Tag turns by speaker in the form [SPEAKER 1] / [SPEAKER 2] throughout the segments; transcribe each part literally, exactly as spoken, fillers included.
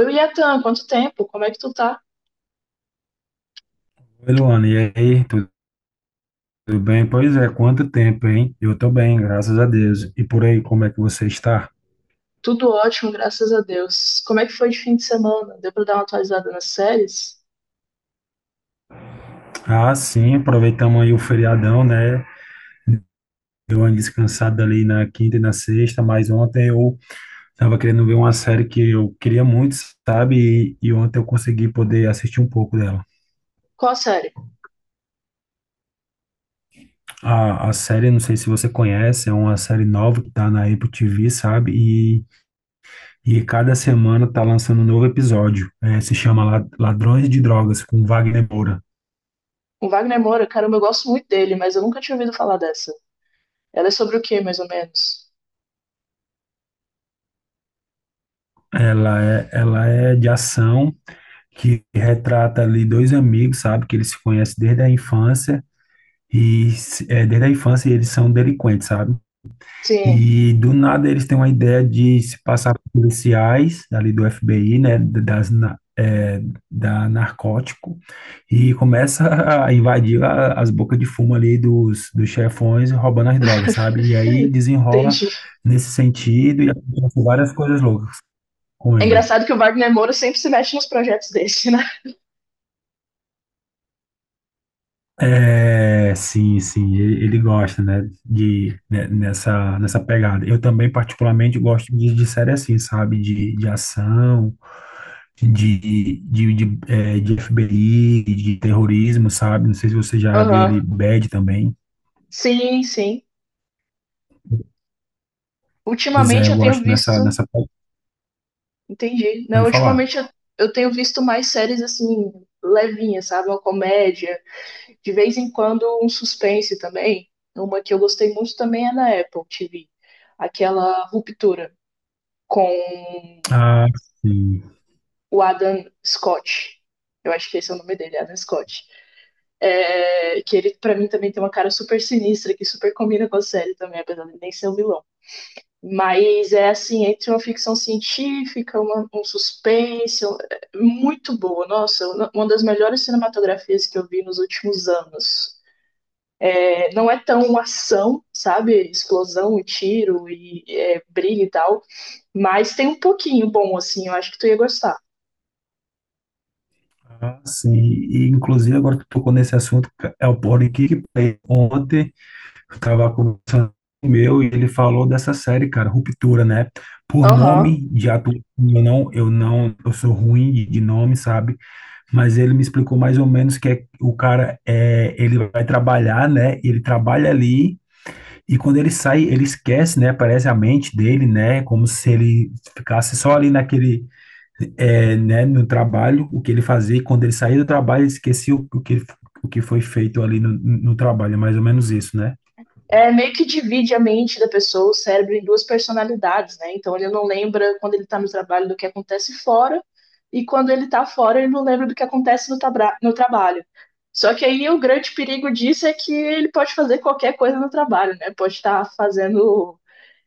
[SPEAKER 1] Oi, Yatan, quanto tempo? Como é que tu tá?
[SPEAKER 2] Oi, Luana, e aí, tudo bem? Pois é, quanto tempo, hein? Eu tô bem, graças a Deus. E por aí, como é que você está?
[SPEAKER 1] Tudo ótimo, graças a Deus. Como é que foi de fim de semana? Deu pra dar uma atualizada nas séries?
[SPEAKER 2] Ah, sim, aproveitamos aí o feriadão, né? Eu ando descansado ali na quinta e na sexta, mas ontem eu tava querendo ver uma série que eu queria muito, sabe? E, e ontem eu consegui poder assistir um pouco dela.
[SPEAKER 1] Qual a série?
[SPEAKER 2] A, a série, não sei se você conhece, é uma série nova que tá na Apple T V, sabe? E, e cada semana tá lançando um novo episódio. É, se chama La- Ladrões de Drogas, com Wagner Moura.
[SPEAKER 1] O Wagner Moura, caramba, eu gosto muito dele, mas eu nunca tinha ouvido falar dessa. Ela é sobre o quê, mais ou menos?
[SPEAKER 2] Ela é, ela é de ação, que retrata ali dois amigos, sabe? Que eles se conhecem desde a infância. E se- é, desde a infância eles são delinquentes, sabe?
[SPEAKER 1] Sim,
[SPEAKER 2] E do nada eles têm uma ideia de se passar por policiais ali do F B I, né? D- Das, na- é, da narcótico. E começa a invadir a- as bocas de fumo ali dos, dos chefões, roubando as drogas, sabe? E aí desenrola
[SPEAKER 1] entendi.
[SPEAKER 2] nesse sentido e acontece várias coisas loucas com
[SPEAKER 1] É
[SPEAKER 2] ele.
[SPEAKER 1] engraçado que o Wagner Moura sempre se mete nos projetos desse, né?
[SPEAKER 2] É, sim, sim, ele, ele gosta, né, de, né, nessa, nessa pegada. Eu também, particularmente, gosto de, de série assim, sabe, de, de ação, de, de, de, é, de F B I, de terrorismo, sabe, não sei se você já viu
[SPEAKER 1] Aham.
[SPEAKER 2] ali Bad também.
[SPEAKER 1] Sim, sim.
[SPEAKER 2] Pois é,
[SPEAKER 1] Ultimamente
[SPEAKER 2] eu
[SPEAKER 1] eu tenho
[SPEAKER 2] gosto nessa,
[SPEAKER 1] visto.
[SPEAKER 2] nessa, pe-
[SPEAKER 1] Entendi.
[SPEAKER 2] pode
[SPEAKER 1] Não,
[SPEAKER 2] falar.
[SPEAKER 1] ultimamente eu, eu tenho visto mais séries assim, levinhas, sabe? Uma comédia. De vez em quando, um suspense também. Uma que eu gostei muito também é na Apple T V. Aquela ruptura com
[SPEAKER 2] Ah, sim.
[SPEAKER 1] o Adam Scott. Eu acho que esse é o nome dele, Adam Scott. É, que ele, para mim, também tem uma cara super sinistra, que super combina com a série também, apesar de nem ser o um vilão. Mas é assim, entre uma ficção científica, uma, um suspense, é, muito boa. Nossa, uma das melhores cinematografias que eu vi nos últimos anos. É, não é tão uma ação, sabe? Explosão e tiro e é, briga e tal. Mas tem um pouquinho bom, assim, eu acho que tu ia gostar.
[SPEAKER 2] Ah, sim, e inclusive agora que tocou nesse assunto, é o Politic Play. Ontem eu tava conversando com o meu e ele falou dessa série, cara, Ruptura, né? Por
[SPEAKER 1] Aham.
[SPEAKER 2] nome de ator, eu não, eu não, eu sou ruim de, de nome, sabe? Mas ele me explicou mais ou menos que é, o cara é, ele vai trabalhar, né? Ele trabalha ali e quando ele sai, ele esquece, né? Parece a mente dele, né? Como se ele ficasse só ali naquele, é, né? No trabalho, o que ele fazia. E quando ele saía do trabalho, ele esquecia o, o que o que foi feito ali no, no trabalho, é mais ou menos isso, né?
[SPEAKER 1] É meio que divide a mente da pessoa, o cérebro, em duas personalidades, né? Então ele não lembra quando ele tá no trabalho do que acontece fora, e quando ele tá fora, ele não lembra do que acontece no, tabra- no trabalho. Só que aí o grande perigo disso é que ele pode fazer qualquer coisa no trabalho, né? Pode estar fazendo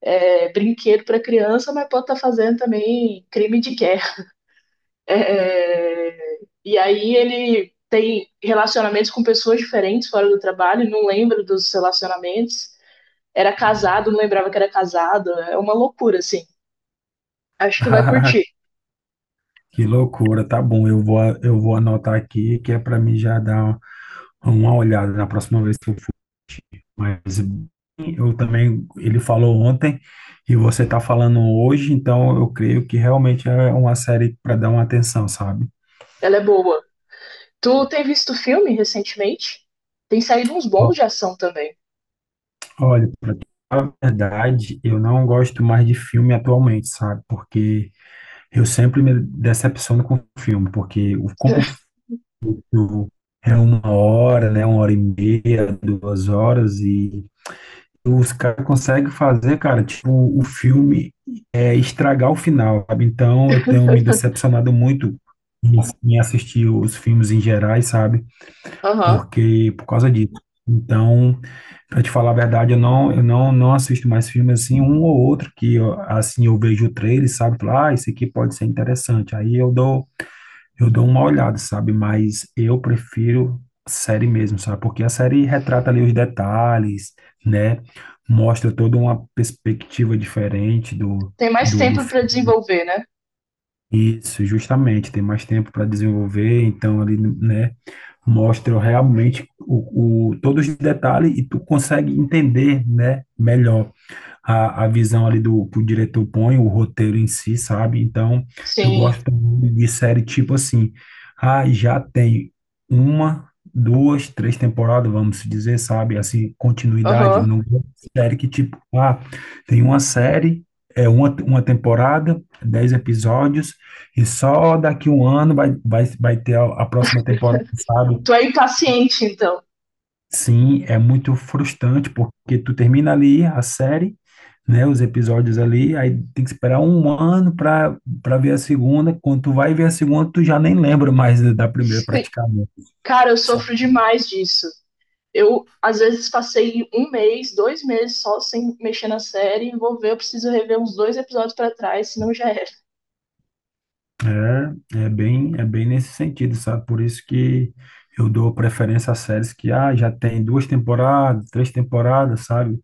[SPEAKER 1] é, brinquedo para criança, mas pode estar tá fazendo também crime de guerra. É, é, e aí ele tem relacionamentos com pessoas diferentes fora do trabalho, não lembra dos relacionamentos. Era casado, não lembrava que era casado. É uma loucura, assim. Acho que tu vai curtir.
[SPEAKER 2] Que loucura, tá bom. Eu vou, eu vou anotar aqui, que é para mim já dar uma olhada na próxima vez que eu for. Mas eu também, ele falou ontem e você tá falando hoje, então eu creio que realmente é uma série para dar uma atenção, sabe?
[SPEAKER 1] Ela é boa. Tu tem visto filme recentemente? Tem saído uns bons de
[SPEAKER 2] Ó,
[SPEAKER 1] ação também.
[SPEAKER 2] Olha, pra falar a verdade, eu não gosto mais de filme atualmente, sabe? Porque eu sempre me decepciono com filme, porque o como o filme é uma hora, né? Uma hora e meia, duas horas e os caras conseguem fazer, cara, tipo, o filme é, estragar o final, sabe? Então eu tenho me decepcionado muito em, em assistir os filmes em gerais, sabe?
[SPEAKER 1] Aham.
[SPEAKER 2] Porque, por causa disso. Então, pra te falar a verdade, eu não, eu não, não assisto mais filmes assim, um ou outro que, eu, assim, eu vejo o trailer, sabe? Falo, ah, esse aqui pode ser interessante. Aí eu dou eu dou uma olhada, sabe? Mas eu prefiro série mesmo, sabe? Porque a série retrata ali os detalhes, né? Mostra toda uma perspectiva diferente do,
[SPEAKER 1] Tem mais
[SPEAKER 2] do, do
[SPEAKER 1] tempo para
[SPEAKER 2] filme.
[SPEAKER 1] desenvolver, né?
[SPEAKER 2] Isso, justamente. Tem mais tempo para desenvolver, então ali, né? Mostra realmente o, o, todos os detalhes e tu consegue entender, né? Melhor a, a visão ali do que o diretor põe, o roteiro em si, sabe? Então, eu
[SPEAKER 1] Sim.
[SPEAKER 2] gosto muito de série tipo assim, ah, já tem uma, duas, três temporadas, vamos dizer, sabe? Assim, continuidade. Eu
[SPEAKER 1] Aham.
[SPEAKER 2] não gosto de série que tipo, ah, tem uma série, é uma, uma temporada, dez episódios, e só daqui um ano vai, vai, vai ter a, a próxima temporada, sabe?
[SPEAKER 1] Tu é impaciente, então.
[SPEAKER 2] Sim, é muito frustrante, porque tu termina ali a série, né, os episódios ali, aí tem que esperar um ano para para ver a segunda. Quando tu vai ver a segunda, tu já nem lembra mais da primeira praticamente.
[SPEAKER 1] Cara, eu
[SPEAKER 2] Sabe?
[SPEAKER 1] sofro demais disso. Eu, às vezes, passei um mês, dois meses só sem mexer na série. Vou ver, eu preciso rever uns dois episódios pra trás, senão já era.
[SPEAKER 2] É, é bem, é bem nesse sentido, sabe? Por isso que eu dou preferência a séries que ah, já tem duas temporadas, três temporadas, sabe?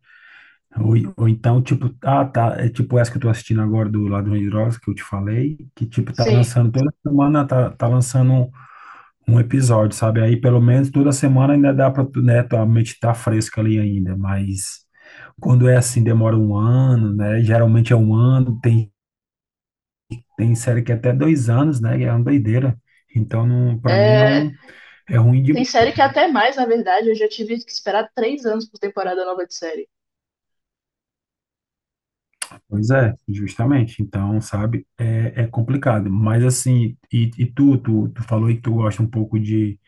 [SPEAKER 2] Ou, ou então, tipo, ah, tá, é tipo essa que eu tô assistindo agora do Ladrão de Drogas, que eu te falei, que, tipo, tá
[SPEAKER 1] Sim.
[SPEAKER 2] lançando toda semana, tá, tá lançando um, um episódio, sabe? Aí pelo menos toda semana ainda dá para, né, tua mente tá fresca ali ainda, mas quando é assim, demora um ano, né? Geralmente é um ano, tem, tem série que é até dois anos, né? É uma doideira. Então, não, para mim,
[SPEAKER 1] É,
[SPEAKER 2] não é ruim de.
[SPEAKER 1] tem série que é até mais, na verdade. Eu já tive que esperar três anos por temporada nova de série.
[SPEAKER 2] Pois é, justamente. Então, sabe, é, é complicado. Mas, assim, e, e tu, tu, tu falou aí que tu gosta um pouco de.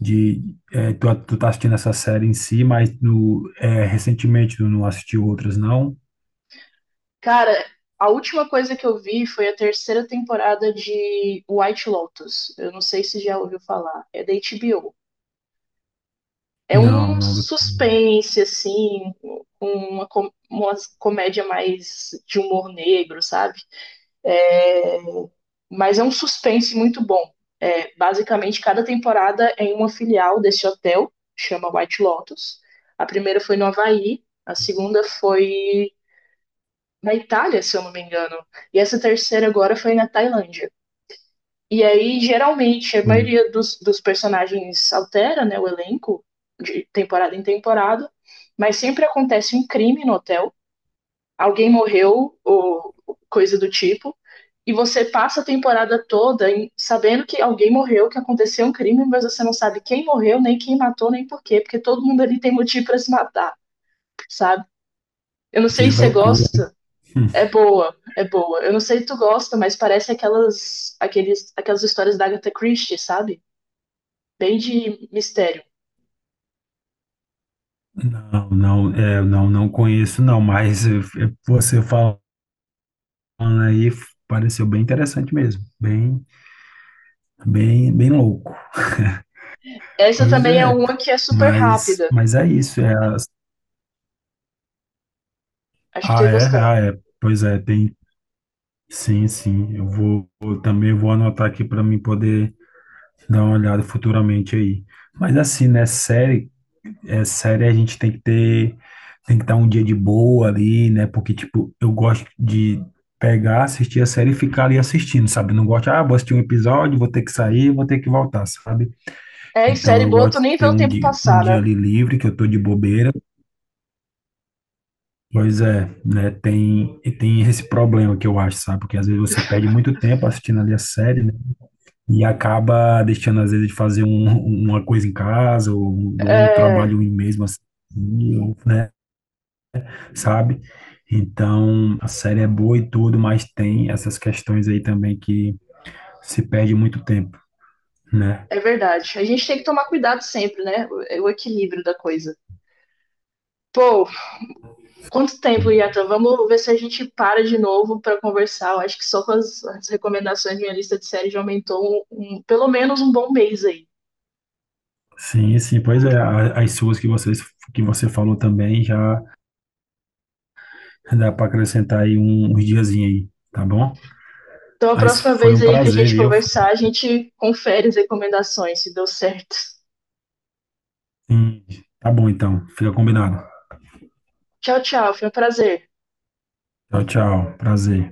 [SPEAKER 2] De é, tu, tu tá assistindo essa série em si, mas no, é, recentemente tu não assistiu outras, não?
[SPEAKER 1] Cara, a última coisa que eu vi foi a terceira temporada de White Lotus. Eu não sei se já ouviu falar. É da H B O. É
[SPEAKER 2] Não,
[SPEAKER 1] um
[SPEAKER 2] não.
[SPEAKER 1] suspense, assim, com uma, com- uma comédia mais de humor negro, sabe? É, mas é um suspense muito bom. É, basicamente, cada temporada é em uma filial desse hotel, chama White Lotus. A primeira foi no Havaí, a segunda foi na Itália, se eu não me engano, e essa terceira agora foi na Tailândia. E aí, geralmente, a
[SPEAKER 2] Hum,
[SPEAKER 1] maioria dos, dos personagens altera, né, o elenco de temporada em temporada, mas sempre acontece um crime no hotel, alguém morreu ou coisa do tipo, e você passa a temporada toda em- sabendo que alguém morreu, que aconteceu um crime, mas você não sabe quem morreu, nem quem matou, nem por quê, porque todo mundo ali tem motivo para se matar, sabe? Eu não
[SPEAKER 2] que
[SPEAKER 1] sei se você
[SPEAKER 2] loucura.
[SPEAKER 1] gosta,
[SPEAKER 2] Hum,
[SPEAKER 1] é boa, é boa. Eu não sei se tu gosta, mas parece aquelas aqueles aquelas histórias da Agatha Christie, sabe? Bem de mistério.
[SPEAKER 2] Não, não, é, não, não conheço, não, mas eh, eh, você falando aí f- pareceu bem interessante mesmo, bem, bem, bem louco.
[SPEAKER 1] Essa
[SPEAKER 2] Pois
[SPEAKER 1] também é
[SPEAKER 2] é,
[SPEAKER 1] uma que é super
[SPEAKER 2] mas,
[SPEAKER 1] rápida.
[SPEAKER 2] mas é isso. É, as-
[SPEAKER 1] Acho que tu
[SPEAKER 2] ah,
[SPEAKER 1] ia
[SPEAKER 2] é,
[SPEAKER 1] gostar.
[SPEAKER 2] ah, é, pois é, tem, sim, sim. Eu vou, eu também vou anotar aqui para mim poder dar uma olhada futuramente aí. Mas assim, né, série, é sério, a gente tem que ter, tem que dar um dia de boa ali, né? Porque, tipo, eu gosto de pegar, assistir a série e ficar ali assistindo, sabe? Não gosto, ah, vou assistir um episódio, vou ter que sair, vou ter que voltar, sabe?
[SPEAKER 1] É, e
[SPEAKER 2] Então
[SPEAKER 1] série
[SPEAKER 2] eu
[SPEAKER 1] boa,
[SPEAKER 2] gosto
[SPEAKER 1] tu
[SPEAKER 2] de
[SPEAKER 1] nem vê
[SPEAKER 2] ter
[SPEAKER 1] o
[SPEAKER 2] um
[SPEAKER 1] tempo
[SPEAKER 2] dia, um
[SPEAKER 1] passar,
[SPEAKER 2] dia
[SPEAKER 1] né?
[SPEAKER 2] ali livre, que eu tô de bobeira. Pois é, né? Tem, e tem esse problema que eu acho, sabe? Porque às vezes você perde muito tempo assistindo ali a série, né? E acaba deixando, às vezes, de fazer um, uma coisa em casa, ou um, ou um
[SPEAKER 1] É,
[SPEAKER 2] trabalho em mesmo assim, né? Sabe? Então, a série é boa e tudo, mas tem essas questões aí também que se perde muito tempo, né?
[SPEAKER 1] é verdade. A gente tem que tomar cuidado sempre, né? O, é o equilíbrio da coisa. Pô, quanto tempo, Yatan? Vamos ver se a gente para de novo para conversar. Eu acho que só com as, as recomendações de minha lista de série já aumentou um, um- pelo menos um bom mês aí.
[SPEAKER 2] Sim, sim, pois é, a- as suas que vocês que você falou também já dá para acrescentar aí um- uns diazinhos aí, tá bom?
[SPEAKER 1] Então, a
[SPEAKER 2] Mas
[SPEAKER 1] próxima
[SPEAKER 2] foi
[SPEAKER 1] vez
[SPEAKER 2] um
[SPEAKER 1] aí que a
[SPEAKER 2] prazer,
[SPEAKER 1] gente
[SPEAKER 2] viu?
[SPEAKER 1] conversar, a gente confere as recomendações, se deu certo.
[SPEAKER 2] Sim, tá bom então, fica combinado.
[SPEAKER 1] Tchau, tchau. Foi um prazer.
[SPEAKER 2] Tchau, tchau, prazer.